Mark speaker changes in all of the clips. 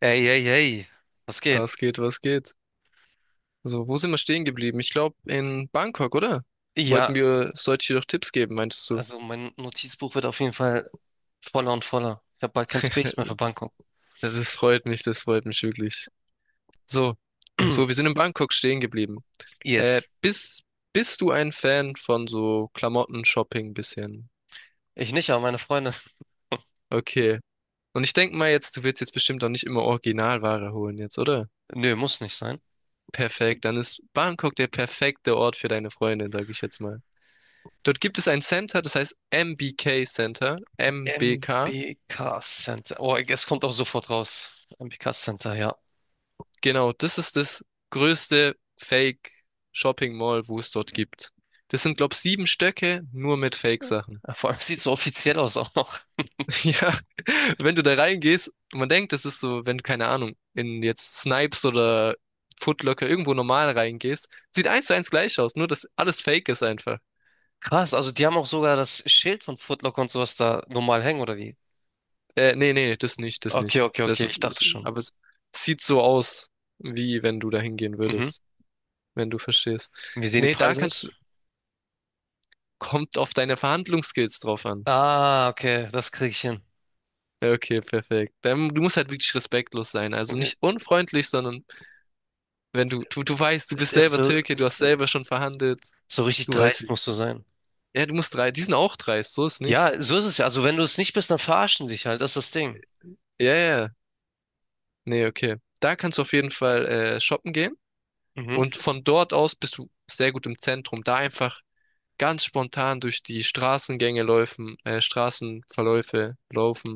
Speaker 1: Ey, ey, ey, was geht?
Speaker 2: Was geht, was geht? So, wo sind wir stehen geblieben? Ich glaube in Bangkok, oder?
Speaker 1: Ja,
Speaker 2: Sollte ich dir doch Tipps geben, meinst du?
Speaker 1: also mein Notizbuch wird auf jeden Fall voller und voller. Ich habe bald kein Space mehr für Bangkok.
Speaker 2: Das freut mich wirklich. So, wir sind in Bangkok stehen geblieben. Äh,
Speaker 1: Yes.
Speaker 2: bist, bist du ein Fan von so Klamotten, Shopping bisschen?
Speaker 1: Ich nicht, aber meine Freunde.
Speaker 2: Okay. Und ich denke mal jetzt, du willst jetzt bestimmt auch nicht immer Originalware holen jetzt, oder?
Speaker 1: Nö, muss nicht sein.
Speaker 2: Perfekt, dann ist Bangkok der perfekte Ort für deine Freundin, sage ich jetzt mal. Dort gibt es ein Center, das heißt MBK Center, MBK.
Speaker 1: MBK Center. Oh, es kommt auch sofort raus. MBK Center, ja.
Speaker 2: Genau, das ist das größte Fake-Shopping-Mall, wo es dort gibt. Das sind, glaube ich, sieben Stöcke nur mit Fake-Sachen.
Speaker 1: Ja, vor allem es sieht so offiziell aus auch noch.
Speaker 2: Ja, wenn du da reingehst, man denkt, das ist so, wenn du, keine Ahnung, in jetzt Snipes oder Foot Locker irgendwo normal reingehst, sieht eins zu eins gleich aus, nur dass alles Fake ist einfach.
Speaker 1: Krass, also die haben auch sogar das Schild von Foot Locker und sowas da normal hängen, oder wie?
Speaker 2: Nee, nee, das nicht, das
Speaker 1: Okay,
Speaker 2: nicht.
Speaker 1: okay, okay, ich dachte schon.
Speaker 2: Aber es sieht so aus, wie wenn du da hingehen
Speaker 1: Mhm.
Speaker 2: würdest, wenn du verstehst.
Speaker 1: Wie sehen die
Speaker 2: Nee,
Speaker 1: Preise aus?
Speaker 2: kommt auf deine Verhandlungsskills drauf an.
Speaker 1: Ah, okay, das kriege ich hin.
Speaker 2: Ja, okay, perfekt. Dann, du musst halt wirklich respektlos sein. Also
Speaker 1: Äh,
Speaker 2: nicht unfreundlich, sondern wenn du weißt, du bist
Speaker 1: d-
Speaker 2: selber
Speaker 1: Also,
Speaker 2: Türke, du hast
Speaker 1: äh,
Speaker 2: selber schon verhandelt.
Speaker 1: So richtig
Speaker 2: Du weißt, wie
Speaker 1: dreist
Speaker 2: es
Speaker 1: musst du
Speaker 2: geht.
Speaker 1: sein.
Speaker 2: Ja, du musst drei, die sind auch dreist, so ist nicht.
Speaker 1: Ja, so ist es ja. Also wenn du es nicht bist, dann verarschen dich halt. Das ist das Ding.
Speaker 2: Ja, ja. Ja. Nee, okay. Da kannst du auf jeden Fall shoppen gehen.
Speaker 1: Mhm.
Speaker 2: Und von dort aus bist du sehr gut im Zentrum. Da einfach ganz spontan durch die Straßengänge laufen, Straßenverläufe laufen.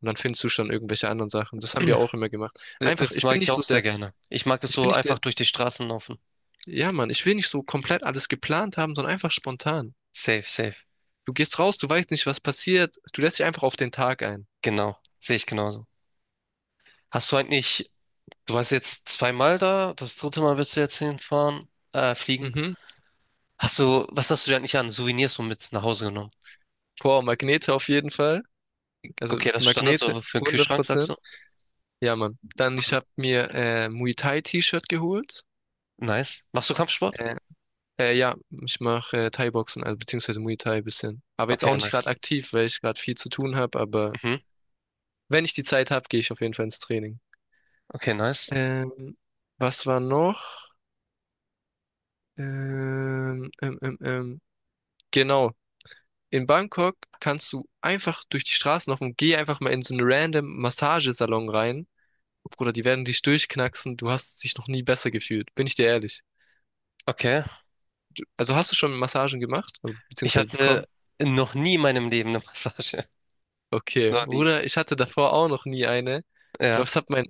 Speaker 2: Und dann findest du schon irgendwelche anderen Sachen. Das haben wir auch immer gemacht. Einfach,
Speaker 1: Das mag ich auch sehr gerne. Ich mag es
Speaker 2: ich bin
Speaker 1: so
Speaker 2: nicht
Speaker 1: einfach
Speaker 2: der,
Speaker 1: durch die Straßen laufen.
Speaker 2: Ja, Mann, ich will nicht so komplett alles geplant haben, sondern einfach spontan.
Speaker 1: Safe, safe.
Speaker 2: Du gehst raus, du weißt nicht, was passiert. Du lässt dich einfach auf den Tag ein.
Speaker 1: Genau. Sehe ich genauso. Hast du eigentlich, du warst jetzt zweimal da, das dritte Mal willst du jetzt hinfahren, fliegen.
Speaker 2: Mhm.
Speaker 1: Hast du, was hast du dir eigentlich an Souvenirs so mit nach Hause genommen?
Speaker 2: Boah, Magnete auf jeden Fall. Also
Speaker 1: Okay, das ist Standard
Speaker 2: Magnete,
Speaker 1: so für den
Speaker 2: hundert
Speaker 1: Kühlschrank, sagst
Speaker 2: Prozent.
Speaker 1: du?
Speaker 2: Ja, Mann. Dann, ich
Speaker 1: Mhm.
Speaker 2: habe mir Muay Thai T-Shirt geholt.
Speaker 1: Nice. Machst du Kampfsport?
Speaker 2: Äh, ja, ich mache Thai-Boxen, also beziehungsweise Muay Thai ein bisschen. Aber jetzt auch
Speaker 1: Okay,
Speaker 2: nicht gerade
Speaker 1: nice.
Speaker 2: aktiv, weil ich gerade viel zu tun habe. Aber
Speaker 1: Mhm.
Speaker 2: wenn ich die Zeit habe, gehe ich auf jeden Fall ins Training.
Speaker 1: Okay, nice.
Speaker 2: Ähm, was war noch? Ähm, ähm, ähm, ähm. Genau, in Bangkok kannst du einfach durch die Straßen laufen und geh einfach mal in so einen random Massagesalon rein. Bruder, die werden dich durchknacksen. Du hast dich noch nie besser gefühlt. Bin ich dir ehrlich.
Speaker 1: Okay.
Speaker 2: Also hast du schon Massagen gemacht? Also,
Speaker 1: Ich
Speaker 2: beziehungsweise
Speaker 1: hatte
Speaker 2: bekommen?
Speaker 1: noch nie in meinem Leben eine Massage.
Speaker 2: Okay.
Speaker 1: Noch nie.
Speaker 2: Bruder, ich hatte davor auch noch nie eine. Ich glaube,
Speaker 1: Ja.
Speaker 2: es hat mein,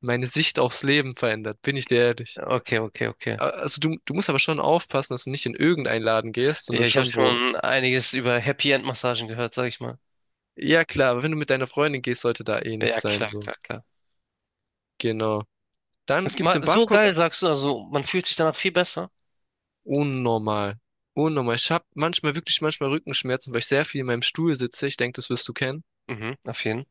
Speaker 2: meine Sicht aufs Leben verändert. Bin ich dir ehrlich.
Speaker 1: Okay, okay, okay.
Speaker 2: Also du musst aber schon aufpassen, dass du nicht in irgendeinen Laden gehst,
Speaker 1: Ja,
Speaker 2: sondern
Speaker 1: ich habe
Speaker 2: schon wo.
Speaker 1: schon einiges über Happy End Massagen gehört, sag ich mal.
Speaker 2: Ja klar, aber wenn du mit deiner Freundin gehst, sollte da eh
Speaker 1: Ja,
Speaker 2: nichts sein.
Speaker 1: klar,
Speaker 2: So.
Speaker 1: klar, klar.
Speaker 2: Genau. Dann gibt's in
Speaker 1: So
Speaker 2: Bangkok
Speaker 1: geil, sagst du, also man fühlt sich danach viel besser.
Speaker 2: Unnormal. Unnormal. Ich habe manchmal wirklich manchmal Rückenschmerzen, weil ich sehr viel in meinem Stuhl sitze. Ich denke, das wirst du kennen.
Speaker 1: Mhm, auf jeden.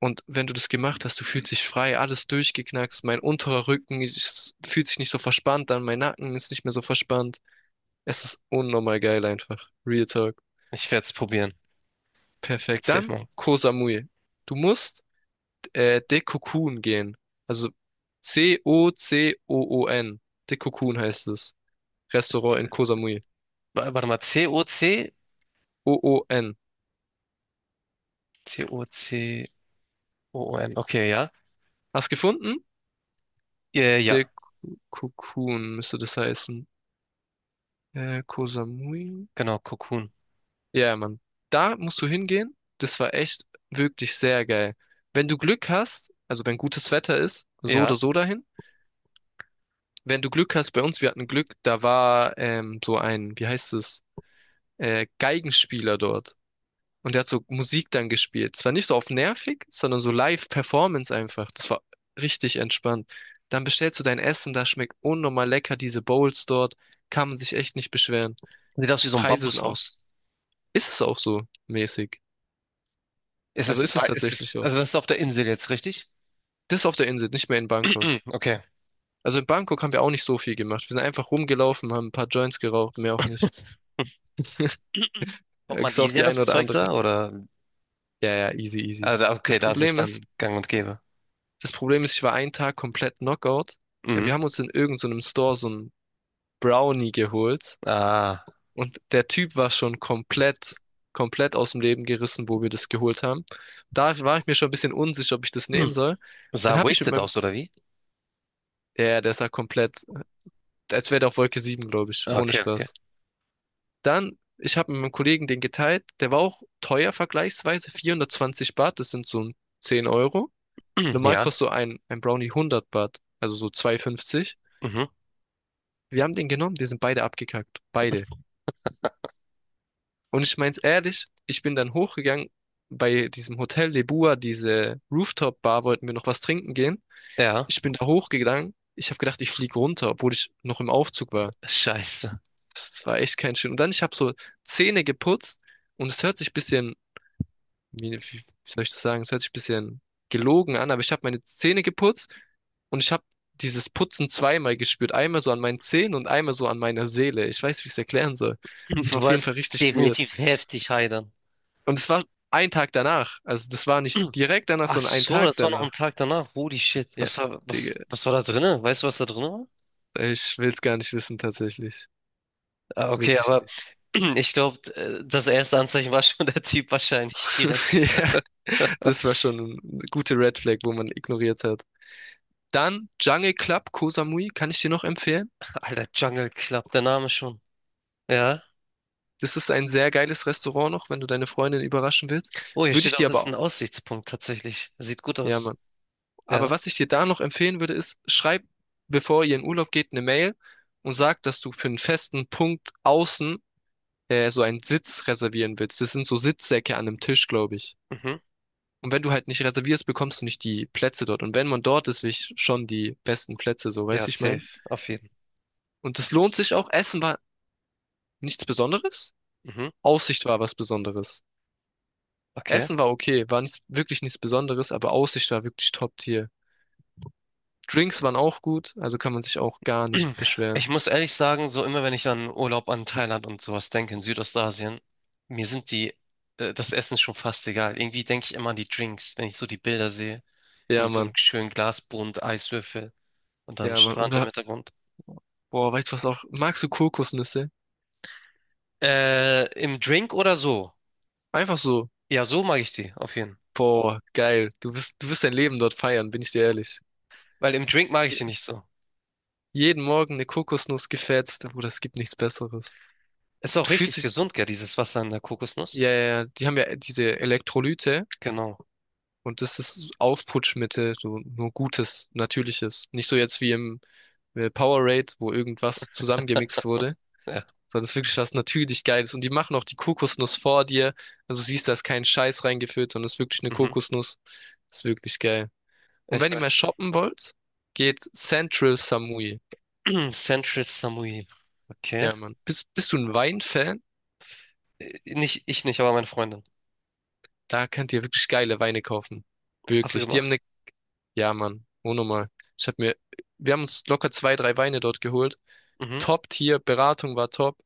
Speaker 2: Und wenn du das gemacht hast, du fühlst dich frei, alles durchgeknackst. Mein unterer Rücken ist, fühlt sich nicht so verspannt an, mein Nacken ist nicht mehr so verspannt. Es ist unnormal geil einfach. Real Talk.
Speaker 1: Ich werde es probieren. Let's
Speaker 2: Perfekt.
Speaker 1: safe
Speaker 2: Dann
Speaker 1: machen.
Speaker 2: Koh Samui. Du musst Dekokun gehen. Also C-O-C-O-O-N. Dekokun heißt es. Restaurant in Koh Samui.
Speaker 1: Warte mal, C-O-C?
Speaker 2: O-O-N.
Speaker 1: C-O-C-O-O-N. Okay, ja.
Speaker 2: Hast gefunden?
Speaker 1: Ja, ja, ja.
Speaker 2: Cocoon müsste das heißen. Koh Samui?
Speaker 1: Genau, Cocoon.
Speaker 2: Ja, Mann. Da musst du hingehen. Das war echt wirklich sehr geil. Wenn du Glück hast, also wenn gutes Wetter ist, so
Speaker 1: Ja.
Speaker 2: oder so dahin. Wenn du Glück hast, bei uns, wir hatten Glück, da war so ein, wie heißt es, Geigenspieler dort. Und der hat so Musik dann gespielt. Zwar nicht so auf nervig, sondern so Live-Performance einfach. Das war richtig entspannt. Dann bestellst du dein Essen, da schmeckt unnormal lecker, diese Bowls dort. Kann man sich echt nicht beschweren.
Speaker 1: Sieht aus wie so ein
Speaker 2: Preise sind auch.
Speaker 1: Bambushaus.
Speaker 2: Ist es auch so mäßig? Also ist es
Speaker 1: Ist
Speaker 2: tatsächlich
Speaker 1: es,
Speaker 2: so.
Speaker 1: also das ist auf der Insel jetzt, richtig?
Speaker 2: Das auf der Insel, nicht mehr in Bangkok.
Speaker 1: Okay.
Speaker 2: Also in Bangkok haben wir auch nicht so viel gemacht. Wir sind einfach rumgelaufen, haben ein paar Joints geraucht, mehr auch nicht.
Speaker 1: Kommt man
Speaker 2: Bis auf
Speaker 1: easy
Speaker 2: die
Speaker 1: an das
Speaker 2: eine oder
Speaker 1: Zeug
Speaker 2: andere.
Speaker 1: da? Oder?
Speaker 2: Ja, ja, easy, easy.
Speaker 1: Also, okay,
Speaker 2: Das
Speaker 1: da ist es
Speaker 2: Problem
Speaker 1: dann
Speaker 2: ist,
Speaker 1: gang und gäbe.
Speaker 2: das Problem ist, ich war einen Tag komplett Knockout.
Speaker 1: Mhm.
Speaker 2: Wir haben uns in irgendeinem so einem Store so einen Brownie geholt
Speaker 1: Ah.
Speaker 2: und der Typ war schon komplett aus dem Leben gerissen, wo wir das geholt haben. Da war ich mir schon ein bisschen unsicher, ob ich das
Speaker 1: Hm.
Speaker 2: nehmen soll.
Speaker 1: Sah
Speaker 2: Dann habe ich mit
Speaker 1: wasted
Speaker 2: meinem,
Speaker 1: aus, oder wie?
Speaker 2: ja, ja, der sah komplett als wäre der auf Wolke 7 glaube ich. Ohne
Speaker 1: Okay, okay.
Speaker 2: Spaß. Dann, ich habe mit meinem Kollegen den geteilt. Der war auch teuer vergleichsweise. 420 Baht, das sind so ein 10 Euro.
Speaker 1: Hm,
Speaker 2: Normal
Speaker 1: ja.
Speaker 2: kostet so ein Brownie 100 Baht, also so 2,50.
Speaker 1: Mhm.
Speaker 2: Wir haben den genommen, wir sind beide abgekackt. Beide. Und ich mein's ehrlich, ich bin dann hochgegangen bei diesem Hotel Lebua, diese Rooftop-Bar, wollten wir noch was trinken gehen.
Speaker 1: Ja.
Speaker 2: Ich bin da hochgegangen. Ich habe gedacht, ich fliege runter, obwohl ich noch im Aufzug war.
Speaker 1: Scheiße.
Speaker 2: Das war echt kein schön. Und dann, ich habe so Zähne geputzt und es hört sich ein bisschen, wie soll ich das sagen, es hört sich ein bisschen gelogen an, aber ich habe meine Zähne geputzt und ich habe dieses Putzen zweimal gespürt. Einmal so an meinen Zähnen und einmal so an meiner Seele. Ich weiß, wie ich es erklären soll. Es war
Speaker 1: Du
Speaker 2: auf jeden Fall
Speaker 1: warst
Speaker 2: richtig weird.
Speaker 1: definitiv heftig high dann.
Speaker 2: Und es war ein Tag danach. Also das war nicht
Speaker 1: Hm.
Speaker 2: direkt danach,
Speaker 1: Ach
Speaker 2: sondern ein
Speaker 1: so,
Speaker 2: Tag
Speaker 1: das war noch ein
Speaker 2: danach.
Speaker 1: Tag danach. Holy shit.
Speaker 2: Ja, Digga,
Speaker 1: Was, was war da drinne? Weißt du, was da drin war?
Speaker 2: ich will es gar nicht wissen tatsächlich.
Speaker 1: Ah, okay,
Speaker 2: Wirklich
Speaker 1: aber
Speaker 2: nicht.
Speaker 1: ich glaube, das erste Anzeichen war schon der Typ wahrscheinlich direkt.
Speaker 2: Ja, das war schon eine gute Red Flag, wo man ignoriert hat. Dann Jungle Club Koh Samui kann ich dir noch empfehlen.
Speaker 1: Alter, Jungle Club, der Name schon. Ja.
Speaker 2: Das ist ein sehr geiles Restaurant noch, wenn du deine Freundin überraschen willst.
Speaker 1: Oh, hier
Speaker 2: Würde ich
Speaker 1: steht auch,
Speaker 2: dir
Speaker 1: ist
Speaker 2: aber
Speaker 1: ein
Speaker 2: auch.
Speaker 1: Aussichtspunkt tatsächlich. Sieht gut
Speaker 2: Ja, Mann.
Speaker 1: aus.
Speaker 2: Aber
Speaker 1: Ja,
Speaker 2: was ich dir da noch empfehlen würde, ist, schreib, bevor ihr in Urlaub geht, eine Mail und sag, dass du für einen festen Punkt außen so einen Sitz reservieren willst. Das sind so Sitzsäcke an einem Tisch, glaube ich.
Speaker 1: mhm.
Speaker 2: Und wenn du halt nicht reservierst, bekommst du nicht die Plätze dort. Und wenn man dort ist, will ich schon die besten Plätze, so
Speaker 1: Ja,
Speaker 2: weißt du, ich mein.
Speaker 1: safe, auf jeden.
Speaker 2: Und das lohnt sich auch. Essen war nichts Besonderes.
Speaker 1: Mhm.
Speaker 2: Aussicht war was Besonderes.
Speaker 1: Okay.
Speaker 2: Essen war okay, war nicht, wirklich nichts Besonderes, aber Aussicht war wirklich Top-Tier. Drinks waren auch gut, also kann man sich auch gar nicht
Speaker 1: Ich
Speaker 2: beschweren.
Speaker 1: muss ehrlich sagen, so immer wenn ich an Urlaub an Thailand und sowas denke, in Südostasien, mir sind die, das Essen schon fast egal. Irgendwie denke ich immer an die Drinks, wenn ich so die Bilder sehe,
Speaker 2: Ja,
Speaker 1: in so einem
Speaker 2: Mann.
Speaker 1: schönen Glasbund, Eiswürfel und dann
Speaker 2: Ja, Mann.
Speaker 1: Strand im
Speaker 2: Oder,
Speaker 1: Hintergrund.
Speaker 2: boah, weißt du was auch? Magst du Kokosnüsse?
Speaker 1: Im Drink oder so?
Speaker 2: Einfach so.
Speaker 1: Ja, so mag ich die, auf jeden Fall.
Speaker 2: Boah, geil. Du wirst dein Leben dort feiern, bin ich dir ehrlich.
Speaker 1: Weil im Drink mag ich
Speaker 2: Je-
Speaker 1: die nicht so.
Speaker 2: Jeden Morgen eine Kokosnuss gefetzt, Bruder, es gibt nichts Besseres.
Speaker 1: Ist auch
Speaker 2: Du fühlst
Speaker 1: richtig
Speaker 2: dich,
Speaker 1: gesund, gell, dieses Wasser in der Kokosnuss.
Speaker 2: ja, ja, ja, die haben ja diese Elektrolyte,
Speaker 1: Genau,
Speaker 2: Und das ist Aufputschmittel, so nur Gutes, Natürliches. Nicht so jetzt wie im Powerade, wo irgendwas zusammengemixt wurde,
Speaker 1: ja,
Speaker 2: sondern es ist wirklich was natürlich Geiles. Und die machen auch die Kokosnuss vor dir. Also siehst, da ist kein Scheiß reingefüllt, sondern es ist wirklich eine
Speaker 1: mhm.
Speaker 2: Kokosnuss. Ist wirklich geil. Und
Speaker 1: Echt
Speaker 2: wenn ihr mal
Speaker 1: nice.
Speaker 2: shoppen wollt, geht Central Samui.
Speaker 1: Central Samui. Okay.
Speaker 2: Ja, Mann. Bist du ein Weinfan?
Speaker 1: Nicht, ich nicht, aber meine Freundin.
Speaker 2: Da könnt ihr wirklich geile Weine kaufen.
Speaker 1: Hast du
Speaker 2: Wirklich. Die haben
Speaker 1: gemacht?
Speaker 2: eine Ja, Mann, unnormal. Ich hab mir, wir haben uns locker zwei, drei Weine dort geholt.
Speaker 1: Mhm.
Speaker 2: Top-Tier, Beratung war top,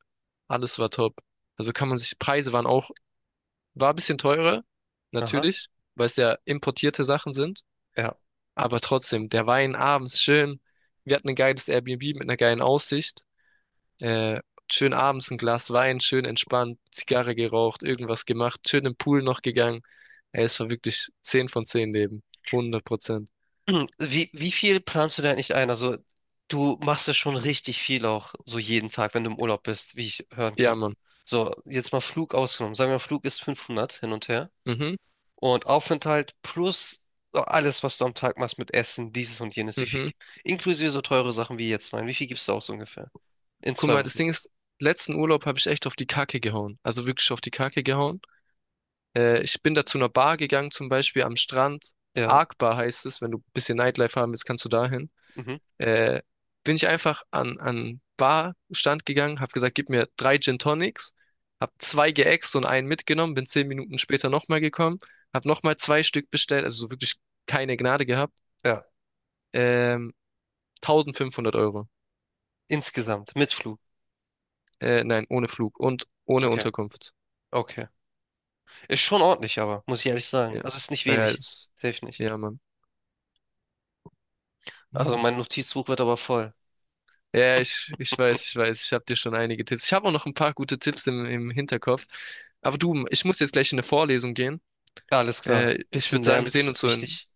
Speaker 2: alles war top. Also kann man sich, Preise waren auch, war ein bisschen teurer,
Speaker 1: Aha.
Speaker 2: natürlich, weil es ja importierte Sachen sind.
Speaker 1: Ja.
Speaker 2: Aber trotzdem, der Wein abends schön. Wir hatten ein geiles Airbnb mit einer geilen Aussicht. Äh, schön abends ein Glas Wein, schön entspannt, Zigarre geraucht, irgendwas gemacht, schön im Pool noch gegangen. Ey, es war wirklich 10 von 10 Leben. 100%.
Speaker 1: Wie viel planst du denn eigentlich ein? Also, du machst ja schon richtig viel auch, so jeden Tag, wenn du im Urlaub bist, wie ich hören
Speaker 2: Ja,
Speaker 1: kann.
Speaker 2: Mann.
Speaker 1: So, jetzt mal Flug ausgenommen. Sagen wir mal, Flug ist 500 hin und her.
Speaker 2: Mhm,
Speaker 1: Und Aufenthalt plus so alles, was du am Tag machst mit Essen, dieses und jenes. Wie viel,
Speaker 2: mhm.
Speaker 1: inklusive so teure Sachen wie jetzt mein. Wie viel gibst du aus ungefähr? In
Speaker 2: Guck
Speaker 1: zwei
Speaker 2: mal, das
Speaker 1: Wochen.
Speaker 2: Ding ist, letzten Urlaub habe ich echt auf die Kacke gehauen. Also wirklich auf die Kacke gehauen. Ich bin da zu einer Bar gegangen, zum Beispiel am Strand.
Speaker 1: Ja.
Speaker 2: Arc Bar heißt es, wenn du ein bisschen Nightlife haben willst, kannst du dahin.
Speaker 1: Mhm.
Speaker 2: Äh, Bin ich einfach an Barstand gegangen, habe gesagt, gib mir drei Gin Tonics, habe zwei geäxt und einen mitgenommen, bin 10 Minuten später nochmal gekommen, habe nochmal zwei Stück bestellt, also so wirklich keine Gnade gehabt.
Speaker 1: Ja.
Speaker 2: Ähm, 1.500 Euro.
Speaker 1: Insgesamt. Mit Flug.
Speaker 2: Nein, ohne Flug und ohne
Speaker 1: Okay.
Speaker 2: Unterkunft.
Speaker 1: Okay. Ist schon ordentlich, aber, muss ich ehrlich sagen.
Speaker 2: Ja.
Speaker 1: Also ist nicht
Speaker 2: Ah ja,
Speaker 1: wenig.
Speaker 2: ist,
Speaker 1: Hilft nicht.
Speaker 2: ja, Mann. Hm.
Speaker 1: Also mein Notizbuch wird aber voll.
Speaker 2: Ja, ich weiß, ich weiß. Ich habe dir schon einige Tipps. Ich habe auch noch ein paar gute Tipps im Hinterkopf. Aber du, ich muss jetzt gleich in eine Vorlesung gehen.
Speaker 1: Ja, alles klar.
Speaker 2: Ich
Speaker 1: Bisschen
Speaker 2: würde sagen,
Speaker 1: lernen
Speaker 2: wir sehen
Speaker 1: ist
Speaker 2: uns so in
Speaker 1: wichtig.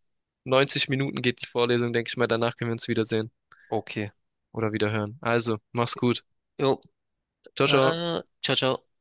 Speaker 2: 90 Minuten geht die Vorlesung, denke ich mal. Danach können wir uns wiedersehen
Speaker 1: Okay.
Speaker 2: oder wiederhören. Also, mach's gut.
Speaker 1: Jo.
Speaker 2: Ciao, ciao.
Speaker 1: Ciao, ciao.